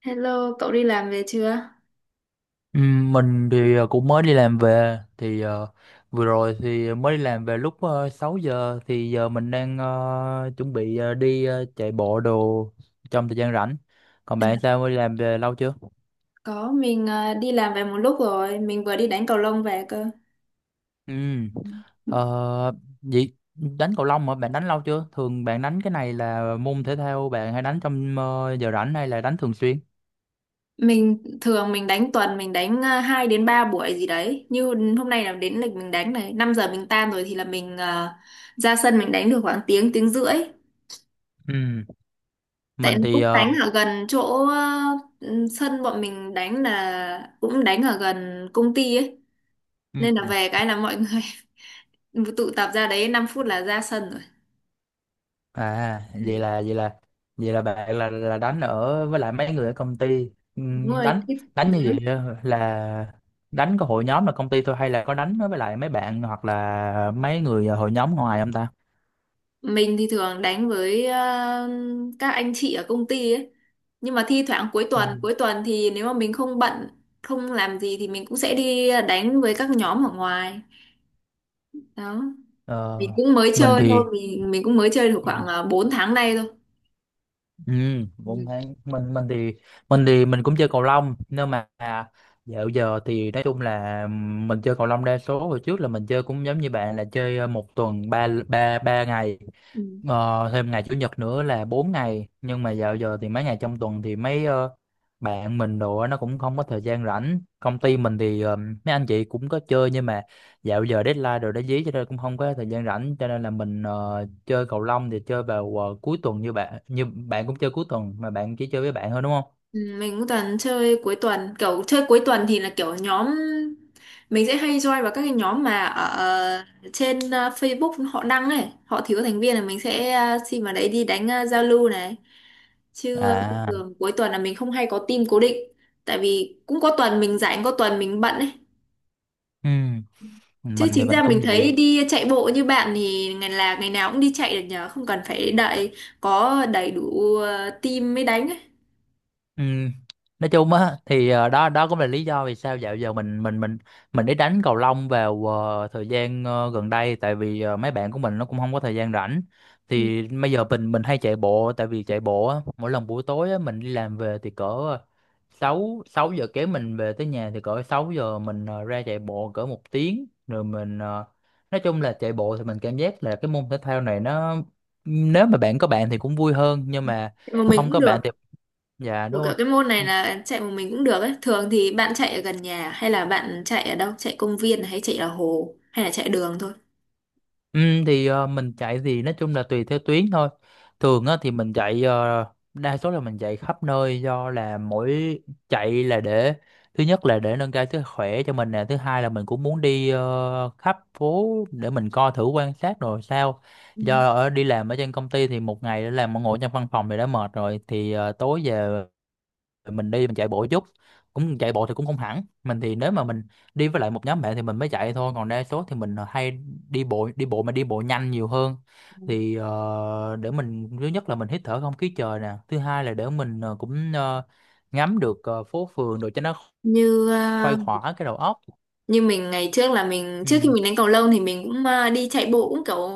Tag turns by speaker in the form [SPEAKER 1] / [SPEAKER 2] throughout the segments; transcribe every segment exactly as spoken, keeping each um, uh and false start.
[SPEAKER 1] Hello, cậu đi làm về chưa?
[SPEAKER 2] Ừm, Mình thì ờ, cũng mới đi làm về, thì ờ, vừa rồi thì mới đi làm về lúc uh, sáu giờ. Thì giờ mình đang ờ, chuẩn bị ờ, đi ờ, chạy bộ đồ trong thời gian rảnh. Còn
[SPEAKER 1] À,
[SPEAKER 2] bạn sao, mới đi làm về lâu chưa?
[SPEAKER 1] có, mình ờ, đi làm về một lúc rồi, mình vừa đi đánh cầu lông về cơ.
[SPEAKER 2] Ừm, ờ, vậy đánh cầu lông mà bạn đánh lâu chưa? Thường bạn đánh cái này là môn thể thao bạn hay đánh trong ờ, giờ rảnh, hay là đánh thường xuyên?
[SPEAKER 1] Mình thường mình đánh tuần mình đánh uh, hai đến ba buổi gì đấy. Như hôm nay là đến lịch mình đánh này, năm giờ mình tan rồi thì là mình ờ, ra sân mình đánh được khoảng tiếng tiếng rưỡi.
[SPEAKER 2] Ừm,
[SPEAKER 1] Tại
[SPEAKER 2] Mình thì
[SPEAKER 1] cũng
[SPEAKER 2] ờ,
[SPEAKER 1] đánh ở gần chỗ ờ, ừ, sân bọn mình đánh là cũng đánh ở gần công ty ấy. Nên là
[SPEAKER 2] ừm,
[SPEAKER 1] về cái là mọi người tụ tập ra đấy năm phút là ra sân rồi.
[SPEAKER 2] À, vậy
[SPEAKER 1] Ừ.
[SPEAKER 2] là vậy là vậy là bạn là là đánh ở với lại mấy người ở công ty.
[SPEAKER 1] Đúng
[SPEAKER 2] Ừm,
[SPEAKER 1] rồi,
[SPEAKER 2] đánh
[SPEAKER 1] thích
[SPEAKER 2] đánh như
[SPEAKER 1] đánh.
[SPEAKER 2] vậy á, là đánh có hội nhóm là công ty thôi, hay là có đánh với lại mấy bạn hoặc là mấy người hội nhóm ngoài không ta?
[SPEAKER 1] Mình thì thường đánh với ờ, các anh chị ở công ty ấy. Nhưng mà thi thoảng cuối tuần,
[SPEAKER 2] Ừm.
[SPEAKER 1] cuối tuần thì nếu mà mình không bận, không làm gì thì mình cũng sẽ đi đánh với các nhóm ở ngoài. Đó.
[SPEAKER 2] Ờ,
[SPEAKER 1] Mình cũng mới
[SPEAKER 2] mình
[SPEAKER 1] chơi thôi,
[SPEAKER 2] thì
[SPEAKER 1] mình mình cũng mới chơi được khoảng uh, bốn tháng nay thôi.
[SPEAKER 2] ừ, cũng
[SPEAKER 1] Ừ.
[SPEAKER 2] thế. Mình mình thì mình thì mình cũng chơi cầu lông, nhưng mà dạo giờ thì nói chung là mình chơi cầu lông đa số hồi trước, là mình chơi cũng giống như bạn, là chơi ờ, một tuần ba ba ba ngày,
[SPEAKER 1] Ừ.
[SPEAKER 2] ờ, thêm ngày chủ nhật nữa là bốn ngày. Nhưng mà dạo giờ thì mấy ngày trong tuần thì mấy ờ, bạn mình đồ á, nó cũng không có thời gian rảnh. Công ty mình thì ờ, mấy anh chị cũng có chơi, nhưng mà dạo giờ deadline rồi đã dí, cho nên cũng không có thời gian rảnh, cho nên là mình ờ, chơi cầu lông thì chơi vào ờ, cuối tuần, như bạn như bạn cũng chơi cuối tuần, mà bạn chỉ chơi với bạn thôi đúng không?
[SPEAKER 1] Ừ, mình cũng toàn chơi cuối tuần, kiểu chơi cuối tuần thì là kiểu nhóm mình sẽ hay join vào các cái nhóm mà ở ờ, trên ờ, Facebook họ đăng này họ thiếu thành viên là mình sẽ ờ, xin vào đấy đi đánh ờ, giao lưu này chứ ờ,
[SPEAKER 2] À,
[SPEAKER 1] thường cuối tuần là mình không hay có team cố định tại vì cũng có tuần mình rảnh có tuần mình bận ấy.
[SPEAKER 2] ừ,
[SPEAKER 1] Chứ
[SPEAKER 2] mình thì
[SPEAKER 1] chính
[SPEAKER 2] mình
[SPEAKER 1] ra
[SPEAKER 2] cũng
[SPEAKER 1] mình thấy
[SPEAKER 2] vậy.
[SPEAKER 1] đi chạy bộ như bạn thì ngày là ngày nào cũng đi chạy được nhờ, không cần phải đợi có đầy đủ ờ, team mới đánh ấy.
[SPEAKER 2] Ừ. Nói chung á, thì ờ, đó đó cũng là lý do vì sao dạo giờ mình mình mình mình đi đánh cầu lông vào ờ, thời gian ờ, gần đây, tại vì ờ, mấy bạn của mình nó cũng không có thời gian rảnh.
[SPEAKER 1] Ừ.
[SPEAKER 2] Thì bây giờ mình mình hay chạy bộ, tại vì chạy bộ á, mỗi lần buổi tối á, mình đi làm về thì cỡ sáu sáu giờ kém mình về tới nhà, thì cỡ sáu giờ mình ờ, ra chạy bộ cỡ một tiếng, rồi mình ờ, nói chung là chạy bộ thì mình cảm giác là cái môn thể thao này, nó nếu mà bạn có bạn thì cũng vui hơn, nhưng mà
[SPEAKER 1] Mà mình
[SPEAKER 2] không
[SPEAKER 1] cũng
[SPEAKER 2] có bạn thì...
[SPEAKER 1] được.
[SPEAKER 2] Dạ
[SPEAKER 1] Kiểu
[SPEAKER 2] đúng
[SPEAKER 1] kiểu
[SPEAKER 2] rồi.
[SPEAKER 1] cái môn này là chạy một mình cũng được ấy. Thường thì bạn chạy ở gần nhà hay là bạn chạy ở đâu? Chạy công viên hay chạy ở hồ hay là chạy đường thôi?
[SPEAKER 2] Ừ, thì ờ, mình chạy thì nói chung là tùy theo tuyến thôi. Thường á, thì mình chạy ờ, đa số là mình chạy khắp nơi, do là mỗi chạy là để thứ nhất là để nâng cao sức khỏe cho mình nè, thứ hai là mình cũng muốn đi ờ, khắp phố để mình coi thử quan sát rồi sao.
[SPEAKER 1] Ừ.
[SPEAKER 2] Do ở đi làm ở trên công ty thì một ngày đã làm ngồi trong văn phòng thì đã mệt rồi, thì ờ, tối về rồi mình đi mình chạy bộ chút. Cũng chạy bộ thì cũng không hẳn, mình thì nếu mà mình đi với lại một nhóm bạn thì mình mới chạy thôi, còn đa số thì mình ờ, hay đi bộ, đi bộ mà đi bộ nhanh nhiều hơn. Thì ờ, để mình thứ nhất là mình hít thở không khí trời nè, thứ hai là để mình ờ, cũng ờ, ngắm được ờ, phố phường rồi cho nó
[SPEAKER 1] Như
[SPEAKER 2] khuây
[SPEAKER 1] ờ,
[SPEAKER 2] khỏa cái đầu óc.
[SPEAKER 1] như mình ngày trước là mình trước khi
[SPEAKER 2] Ừ.
[SPEAKER 1] mình đánh cầu lông thì mình cũng ờ, đi chạy bộ cũng kiểu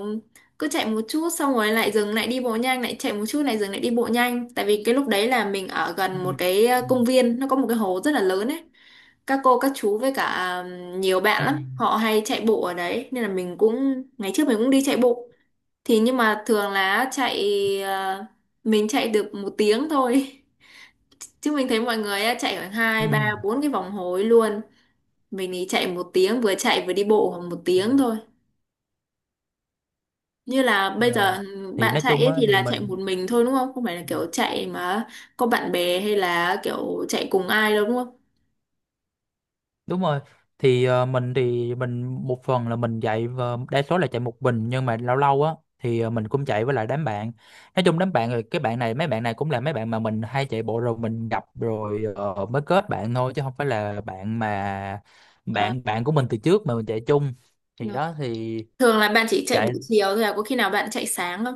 [SPEAKER 1] cứ chạy một chút xong rồi lại dừng lại đi bộ nhanh lại chạy một chút lại dừng lại đi bộ nhanh, tại vì cái lúc đấy là mình ở
[SPEAKER 2] Ừ.
[SPEAKER 1] gần một cái ờ,
[SPEAKER 2] Ừ.
[SPEAKER 1] công viên nó có một cái hồ rất là lớn ấy. Các cô các chú với cả ờ, nhiều bạn
[SPEAKER 2] Ừ.
[SPEAKER 1] lắm họ hay chạy bộ ở đấy nên là mình cũng ngày trước mình cũng đi chạy bộ. Thì nhưng mà thường là chạy ờ, mình chạy được một tiếng thôi. Chứ mình thấy mọi người á, chạy khoảng
[SPEAKER 2] Ừ.
[SPEAKER 1] hai ba bốn cái vòng hối luôn. Mình thì chạy một tiếng vừa chạy vừa đi bộ khoảng một
[SPEAKER 2] Ừ.
[SPEAKER 1] tiếng thôi. Như là bây giờ
[SPEAKER 2] Ờ.
[SPEAKER 1] ừ,
[SPEAKER 2] Thì
[SPEAKER 1] bạn
[SPEAKER 2] nói
[SPEAKER 1] chạy
[SPEAKER 2] chung
[SPEAKER 1] ấy
[SPEAKER 2] á,
[SPEAKER 1] thì
[SPEAKER 2] thì
[SPEAKER 1] là chạy
[SPEAKER 2] mình...
[SPEAKER 1] một mình thôi đúng không? Không phải là kiểu chạy mà có bạn bè hay là kiểu chạy cùng ai đâu đúng không?
[SPEAKER 2] Đúng rồi. Thì ờ, mình thì mình một phần là mình chạy, và đa số là chạy một mình, nhưng mà lâu lâu á thì ờ, mình cũng chạy với lại đám bạn. Nói chung đám bạn rồi, cái bạn này mấy bạn này cũng là mấy bạn mà mình hay chạy bộ rồi mình gặp rồi ờ, mới kết bạn thôi, chứ không phải là bạn mà
[SPEAKER 1] À,
[SPEAKER 2] bạn bạn của mình từ trước mà mình chạy chung.
[SPEAKER 1] đúng
[SPEAKER 2] Thì
[SPEAKER 1] rồi.
[SPEAKER 2] đó thì,
[SPEAKER 1] Thường là bạn chỉ chạy buổi
[SPEAKER 2] chạy
[SPEAKER 1] chiều thôi à? Có khi nào bạn chạy sáng không?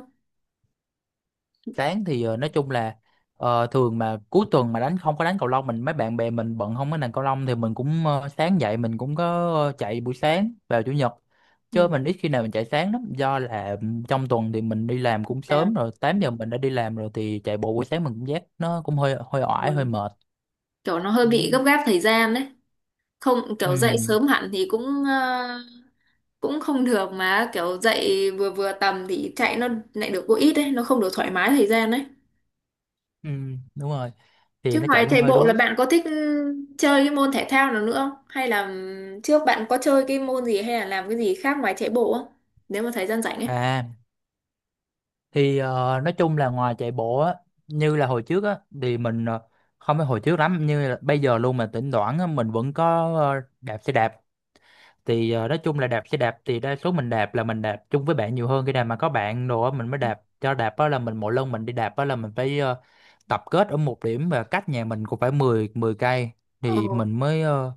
[SPEAKER 2] sáng thì ờ, nói chung là ờ, thường mà cuối tuần mà đánh không có đánh cầu lông, mình mấy bạn bè mình bận không có đánh cầu lông, thì mình cũng ờ, sáng dậy mình cũng có ờ, chạy buổi sáng vào chủ nhật, chứ
[SPEAKER 1] Ừ.
[SPEAKER 2] mình ít khi nào mình chạy sáng lắm, do là trong tuần thì mình đi làm cũng sớm
[SPEAKER 1] Làm
[SPEAKER 2] rồi, tám giờ mình đã đi làm rồi, thì chạy bộ buổi sáng mình cũng giác nó cũng hơi hơi
[SPEAKER 1] ừ,
[SPEAKER 2] oải hơi mệt.
[SPEAKER 1] kiểu nó hơi
[SPEAKER 2] Ừ.
[SPEAKER 1] bị gấp gáp thời gian đấy. Không
[SPEAKER 2] Ừ,
[SPEAKER 1] kiểu dậy sớm hẳn thì cũng ờ, cũng không được mà kiểu dậy vừa vừa tầm thì chạy nó lại được có ít đấy, nó không được thoải mái thời gian đấy.
[SPEAKER 2] ừ đúng rồi, thì
[SPEAKER 1] Chứ
[SPEAKER 2] nó
[SPEAKER 1] ngoài
[SPEAKER 2] chạy cũng
[SPEAKER 1] chạy
[SPEAKER 2] hơi
[SPEAKER 1] bộ là
[SPEAKER 2] đuối.
[SPEAKER 1] bạn có thích ừ, chơi cái môn thể thao nào nữa không hay là ừ, trước bạn có chơi cái môn gì hay là làm cái gì khác ngoài chạy bộ không, nếu mà thời gian rảnh ấy?
[SPEAKER 2] À, thì ờ, nói chung là ngoài chạy bộ á, như là hồi trước á thì mình ờ, không phải hồi trước lắm, như là bây giờ luôn, mà thỉnh thoảng á, mình vẫn có ờ, đạp xe đạp. Thì ờ, nói chung là đạp xe đạp thì đa số mình đạp là mình đạp chung với bạn nhiều hơn, khi nào mà có bạn đồ á mình mới đạp. Cho đạp á là mình mỗi lần mình đi đạp á là mình phải ờ, tập kết ở một điểm, và cách nhà mình cũng phải mười mười cây,
[SPEAKER 1] Ờ.
[SPEAKER 2] thì mình mới ờ,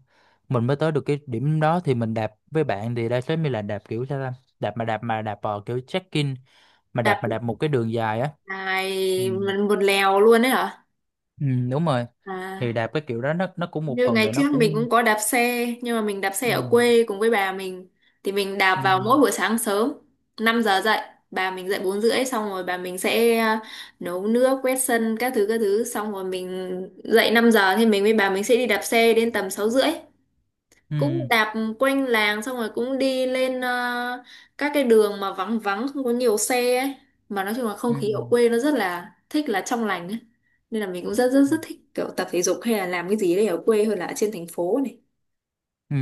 [SPEAKER 2] mình mới tới được cái điểm đó. Thì mình đạp với bạn thì đa số mình là đạp kiểu sao ta, đạp mà đạp mà đạp vào kiểu check-in, mà đạp
[SPEAKER 1] Đạp
[SPEAKER 2] mà đạp một cái đường dài á. Ừ.
[SPEAKER 1] lại một lèo luôn đấy hả?
[SPEAKER 2] Ừ, đúng rồi, thì
[SPEAKER 1] À,
[SPEAKER 2] đạp cái kiểu đó nó nó cũng một
[SPEAKER 1] như
[SPEAKER 2] phần
[SPEAKER 1] ngày
[SPEAKER 2] rồi nó
[SPEAKER 1] trước mình
[SPEAKER 2] cũng...
[SPEAKER 1] cũng có đạp xe nhưng mà mình đạp xe
[SPEAKER 2] Ừ.
[SPEAKER 1] ở quê cùng với bà mình thì mình đạp
[SPEAKER 2] Ừ.
[SPEAKER 1] vào mỗi buổi sáng sớm, năm giờ dậy, bà mình dậy bốn rưỡi xong rồi bà mình sẽ à, nấu nước quét sân các thứ các thứ xong rồi mình dậy năm giờ thì mình với bà mình sẽ đi đạp xe đến tầm sáu rưỡi. Cũng
[SPEAKER 2] Ừ.
[SPEAKER 1] đạp quanh làng xong rồi cũng đi lên ờ, các cái đường mà vắng vắng không có nhiều xe ấy, mà nói chung là không
[SPEAKER 2] Ừ.
[SPEAKER 1] khí ở quê nó rất là thích, là trong lành ấy, nên là mình cũng rất rất
[SPEAKER 2] Ừ.
[SPEAKER 1] rất thích kiểu tập thể dục hay là làm cái gì đấy ở quê hơn là ở trên thành phố này.
[SPEAKER 2] Ừ.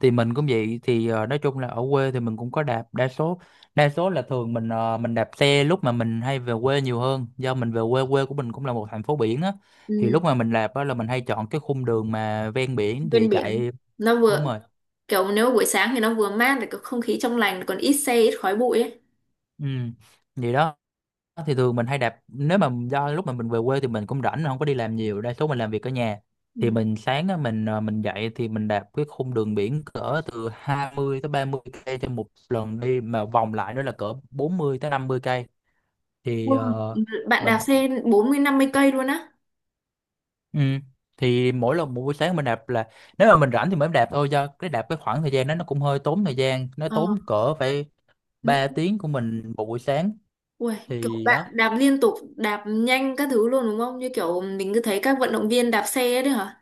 [SPEAKER 2] Thì mình cũng vậy, thì ờ, nói chung là ở quê thì mình cũng có đạp, đa số đa số là thường mình ờ, mình đạp xe lúc mà mình hay về quê nhiều hơn, do mình về quê, quê của mình cũng là một thành phố biển á, thì
[SPEAKER 1] Ừ,
[SPEAKER 2] lúc mà mình đạp á là mình hay chọn cái khung đường mà ven biển
[SPEAKER 1] bên
[SPEAKER 2] thì
[SPEAKER 1] biển
[SPEAKER 2] chạy.
[SPEAKER 1] nó vừa
[SPEAKER 2] Đúng rồi.
[SPEAKER 1] kiểu nếu buổi sáng thì nó vừa mát lại có không khí trong lành còn ít xe ít khói bụi ấy.
[SPEAKER 2] Ừ. Vậy đó. Ờ, thì thường mình hay đạp nếu mà do lúc mà mình về quê thì mình cũng rảnh, mình không có đi làm nhiều, đa số mình làm việc ở nhà. Thì
[SPEAKER 1] Ừ.
[SPEAKER 2] mình sáng á, mình ờ, mình dậy thì mình đạp cái khung đường biển cỡ từ hai mươi tới ba mươi cây trên một lần đi, mà vòng lại nữa là cỡ bốn mươi tới năm mươi cây. Thì
[SPEAKER 1] Wow.
[SPEAKER 2] ờ,
[SPEAKER 1] Bạn
[SPEAKER 2] mình...
[SPEAKER 1] đạp xe bốn mươi năm mươi cây luôn á?
[SPEAKER 2] Ừ, thì mỗi lần một buổi sáng mình đạp là nếu mà mình rảnh thì mới đạp thôi, do cái đạp cái khoảng thời gian đó nó cũng hơi tốn thời gian, nó tốn
[SPEAKER 1] Ờ,
[SPEAKER 2] cỡ phải
[SPEAKER 1] mấy.
[SPEAKER 2] ba tiếng của mình một buổi sáng.
[SPEAKER 1] Ui, kiểu
[SPEAKER 2] Thì đó.
[SPEAKER 1] bạn đạp liên tục, đạp nhanh các thứ luôn đúng không? Như kiểu mình cứ thấy các vận động viên đạp xe ấy đấy hả?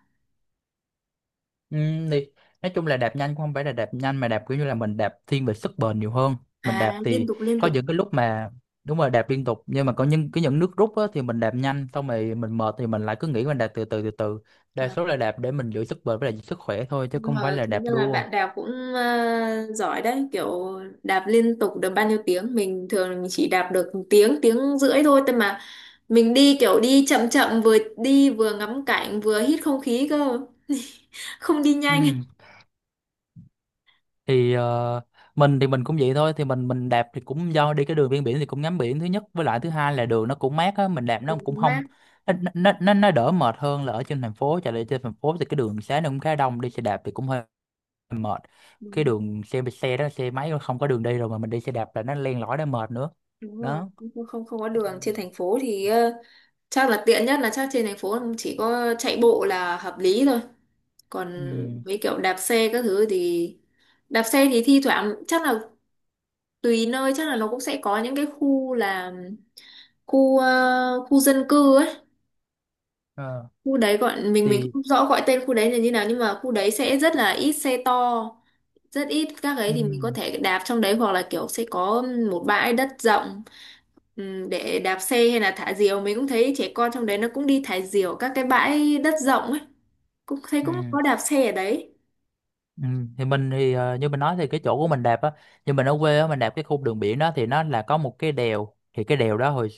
[SPEAKER 2] Ừ, thì nói chung là đạp nhanh không phải là đạp nhanh, mà đạp kiểu như là mình đạp thiên về sức bền nhiều hơn. Mình đạp
[SPEAKER 1] À, liên
[SPEAKER 2] thì
[SPEAKER 1] tục liên
[SPEAKER 2] có
[SPEAKER 1] tục.
[SPEAKER 2] những cái lúc mà đúng rồi, đạp liên tục, nhưng mà có những cái những nước rút á, thì mình đạp nhanh xong rồi mình mệt, thì mình lại cứ nghĩ mình đạp từ từ từ từ. Đa
[SPEAKER 1] À,
[SPEAKER 2] số là đạp để mình giữ sức bền với lại giữ sức khỏe thôi, chứ
[SPEAKER 1] nhưng
[SPEAKER 2] không phải
[SPEAKER 1] mà
[SPEAKER 2] là
[SPEAKER 1] chính
[SPEAKER 2] đạp
[SPEAKER 1] ra là
[SPEAKER 2] đua.
[SPEAKER 1] bạn đạp cũng à, giỏi đấy, kiểu đạp liên tục được bao nhiêu tiếng? Mình thường mình chỉ đạp được một tiếng, tiếng rưỡi thôi, thế mà mình đi kiểu đi chậm chậm vừa đi vừa ngắm cảnh vừa hít không khí cơ. Không đi nhanh.
[SPEAKER 2] Ừ. Thì ờ, mình thì mình cũng vậy thôi, thì mình mình đạp thì cũng do đi cái đường ven biển thì cũng ngắm biển thứ nhất, với lại thứ hai là đường nó cũng mát á, mình đạp nó
[SPEAKER 1] Đường
[SPEAKER 2] cũng không...
[SPEAKER 1] mát.
[SPEAKER 2] Nó nó nó, nó đỡ mệt hơn là ở trên thành phố chạy. Lại trên thành phố thì cái đường xá nó cũng khá đông, đi xe đạp thì cũng hơi mệt.
[SPEAKER 1] Đúng
[SPEAKER 2] Cái
[SPEAKER 1] rồi,
[SPEAKER 2] đường xe xe đó xe máy nó không có đường đi rồi, mà mình đi xe đạp là nó len lỏi nó mệt nữa.
[SPEAKER 1] đúng rồi.
[SPEAKER 2] Đó.
[SPEAKER 1] Không không không có đường
[SPEAKER 2] Ừ.
[SPEAKER 1] trên thành phố thì ờ, chắc là tiện nhất là chắc trên thành phố chỉ có chạy bộ là hợp lý thôi, còn
[SPEAKER 2] Ừ.
[SPEAKER 1] mấy kiểu đạp xe các thứ thì đạp xe thì thi thoảng chắc là tùy nơi, chắc là nó cũng sẽ có những cái khu là khu ờ, khu dân cư ấy,
[SPEAKER 2] ờ,
[SPEAKER 1] khu đấy gọi mình mình
[SPEAKER 2] thì
[SPEAKER 1] không rõ gọi tên khu đấy là như nào nhưng mà khu đấy sẽ rất là ít xe to, rất ít các ấy
[SPEAKER 2] ừ.
[SPEAKER 1] thì mình có thể đạp trong đấy hoặc là kiểu sẽ có một bãi đất rộng ừm, để đạp xe hay là thả diều, mình cũng thấy trẻ con trong đấy nó cũng đi thả diều các cái bãi đất rộng ấy, cũng thấy cũng
[SPEAKER 2] Ừ.
[SPEAKER 1] có đạp xe ở đấy.
[SPEAKER 2] Ừ. Thì mình thì ờ, như mình nói thì cái chỗ của mình đạp á, như mình ở quê á, mình đạp cái khu đường biển đó, thì nó là có một cái đèo. Thì cái đèo đó hồi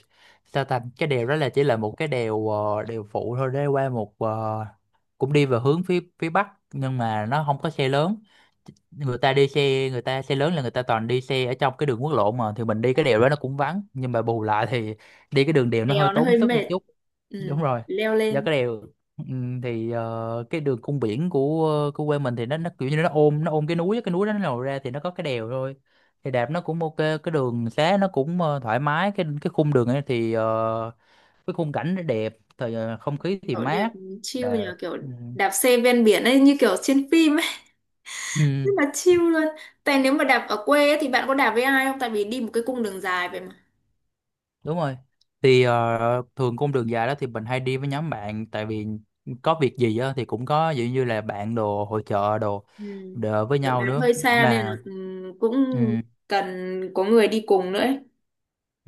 [SPEAKER 2] sao ta, cái đèo đó là chỉ là một cái đèo ờ, đèo phụ thôi, để qua một ờ, cũng đi về hướng phía phía bắc, nhưng mà nó không có xe lớn. Người ta đi xe, người ta xe lớn là người ta toàn đi xe ở trong cái đường quốc lộ mà. Thì mình đi
[SPEAKER 1] À,
[SPEAKER 2] cái đèo đó nó cũng vắng, nhưng mà bù lại thì đi cái đường đèo nó hơi
[SPEAKER 1] đèo nó
[SPEAKER 2] tốn
[SPEAKER 1] hơi
[SPEAKER 2] sức một
[SPEAKER 1] mệt.
[SPEAKER 2] chút.
[SPEAKER 1] Ừm,
[SPEAKER 2] Đúng rồi,
[SPEAKER 1] leo
[SPEAKER 2] do
[SPEAKER 1] lên.
[SPEAKER 2] cái đèo. Ừm, thì ờ, cái đường cung biển của của quê mình thì nó nó kiểu như nó ôm nó ôm cái núi á, cái núi đó nó lồi ra thì nó có cái đèo thôi. Thì đạp nó cũng ok, cái đường xá nó cũng ờ, thoải mái, cái cái khung đường ấy thì ờ, cái khung cảnh nó đẹp, thời ờ, không khí thì
[SPEAKER 1] Kiểu đẹp
[SPEAKER 2] mát.
[SPEAKER 1] chill
[SPEAKER 2] Đẹp.
[SPEAKER 1] nhờ kiểu đạp xe ven biển ấy như kiểu trên phim, rất
[SPEAKER 2] Ừm.
[SPEAKER 1] là chill luôn. Tại nếu mà đạp ở quê ấy, thì bạn có đạp với ai không, tại vì đi một cái cung đường dài vậy mà.
[SPEAKER 2] Đúng rồi. Thì ờ, thường cung đường dài đó thì mình hay đi với nhóm bạn, tại vì có việc gì á thì cũng có ví dụ như là bạn đồ hội trợ đồ
[SPEAKER 1] Ừ.
[SPEAKER 2] đỡ với
[SPEAKER 1] Kiểu đạp
[SPEAKER 2] nhau nữa
[SPEAKER 1] hơi xa nên là
[SPEAKER 2] mà.
[SPEAKER 1] ừ, cũng cần có người đi cùng nữa ấy.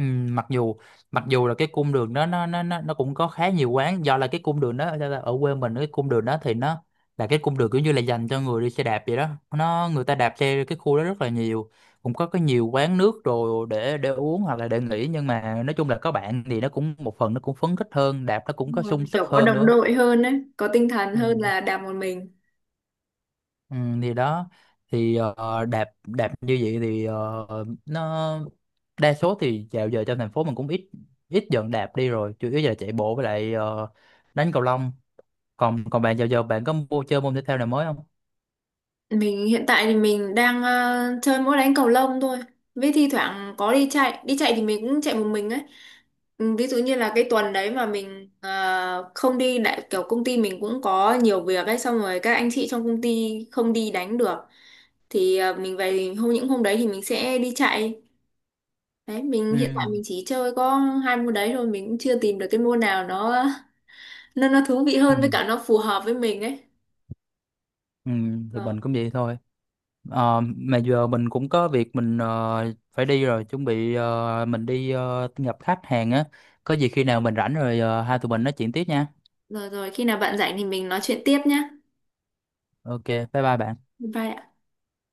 [SPEAKER 2] Ừ, mặc dù mặc dù là cái cung đường đó nó nó nó nó cũng có khá nhiều quán, do là cái cung đường đó ở ở quê mình, cái cung đường đó thì nó là cái cung đường kiểu như là dành cho người đi xe đạp vậy đó. Nó người ta đạp xe cái khu đó rất là nhiều, cũng có cái nhiều quán nước rồi để để uống hoặc là để nghỉ, nhưng mà nói chung là có bạn thì nó cũng một phần, nó cũng phấn khích hơn, đạp nó cũng
[SPEAKER 1] Đúng
[SPEAKER 2] có
[SPEAKER 1] rồi.
[SPEAKER 2] sung sức
[SPEAKER 1] Kiểu có
[SPEAKER 2] hơn
[SPEAKER 1] đồng
[SPEAKER 2] nữa.
[SPEAKER 1] đội hơn ấy, có tinh thần
[SPEAKER 2] Ừ.
[SPEAKER 1] hơn là đạp một mình.
[SPEAKER 2] Ừ, thì đó thì ờ, đạp đạp như vậy thì ờ, nó đa số thì dạo giờ trong thành phố mình cũng ít ít dần đạp đi rồi, chủ yếu là chạy bộ với lại ờ, đánh cầu lông. Còn còn bạn dạo giờ bạn có mua chơi môn thể thao nào mới không?
[SPEAKER 1] Mình hiện tại thì mình đang ờ, chơi mỗi đánh cầu lông thôi. Với thi thoảng có đi chạy, đi chạy thì mình cũng chạy một mình ấy. Ừ, ví dụ như là cái tuần đấy mà mình ờ, không đi đại kiểu công ty mình cũng có nhiều việc ấy xong rồi các anh chị trong công ty không đi đánh được thì ờ, mình về hôm những hôm đấy thì mình sẽ đi chạy. Đấy, mình hiện tại
[SPEAKER 2] Ừ,
[SPEAKER 1] mình chỉ chơi có hai môn đấy thôi, mình cũng chưa tìm được cái môn nào nó nó nó thú vị
[SPEAKER 2] ừ,
[SPEAKER 1] hơn với cả nó phù hợp với mình ấy.
[SPEAKER 2] ừ, thì
[SPEAKER 1] Rồi,
[SPEAKER 2] mình cũng vậy thôi. Ờ, mà giờ mình cũng có việc, mình ờ, phải đi rồi, chuẩn bị ờ, mình đi ờ, gặp khách hàng á. Có gì khi nào mình rảnh rồi ờ, hai tụi mình nói chuyện tiếp nha.
[SPEAKER 1] rồi rồi khi nào bạn rảnh thì mình nói chuyện tiếp nhá.
[SPEAKER 2] Ok, bye bye bạn.
[SPEAKER 1] Bye ạ.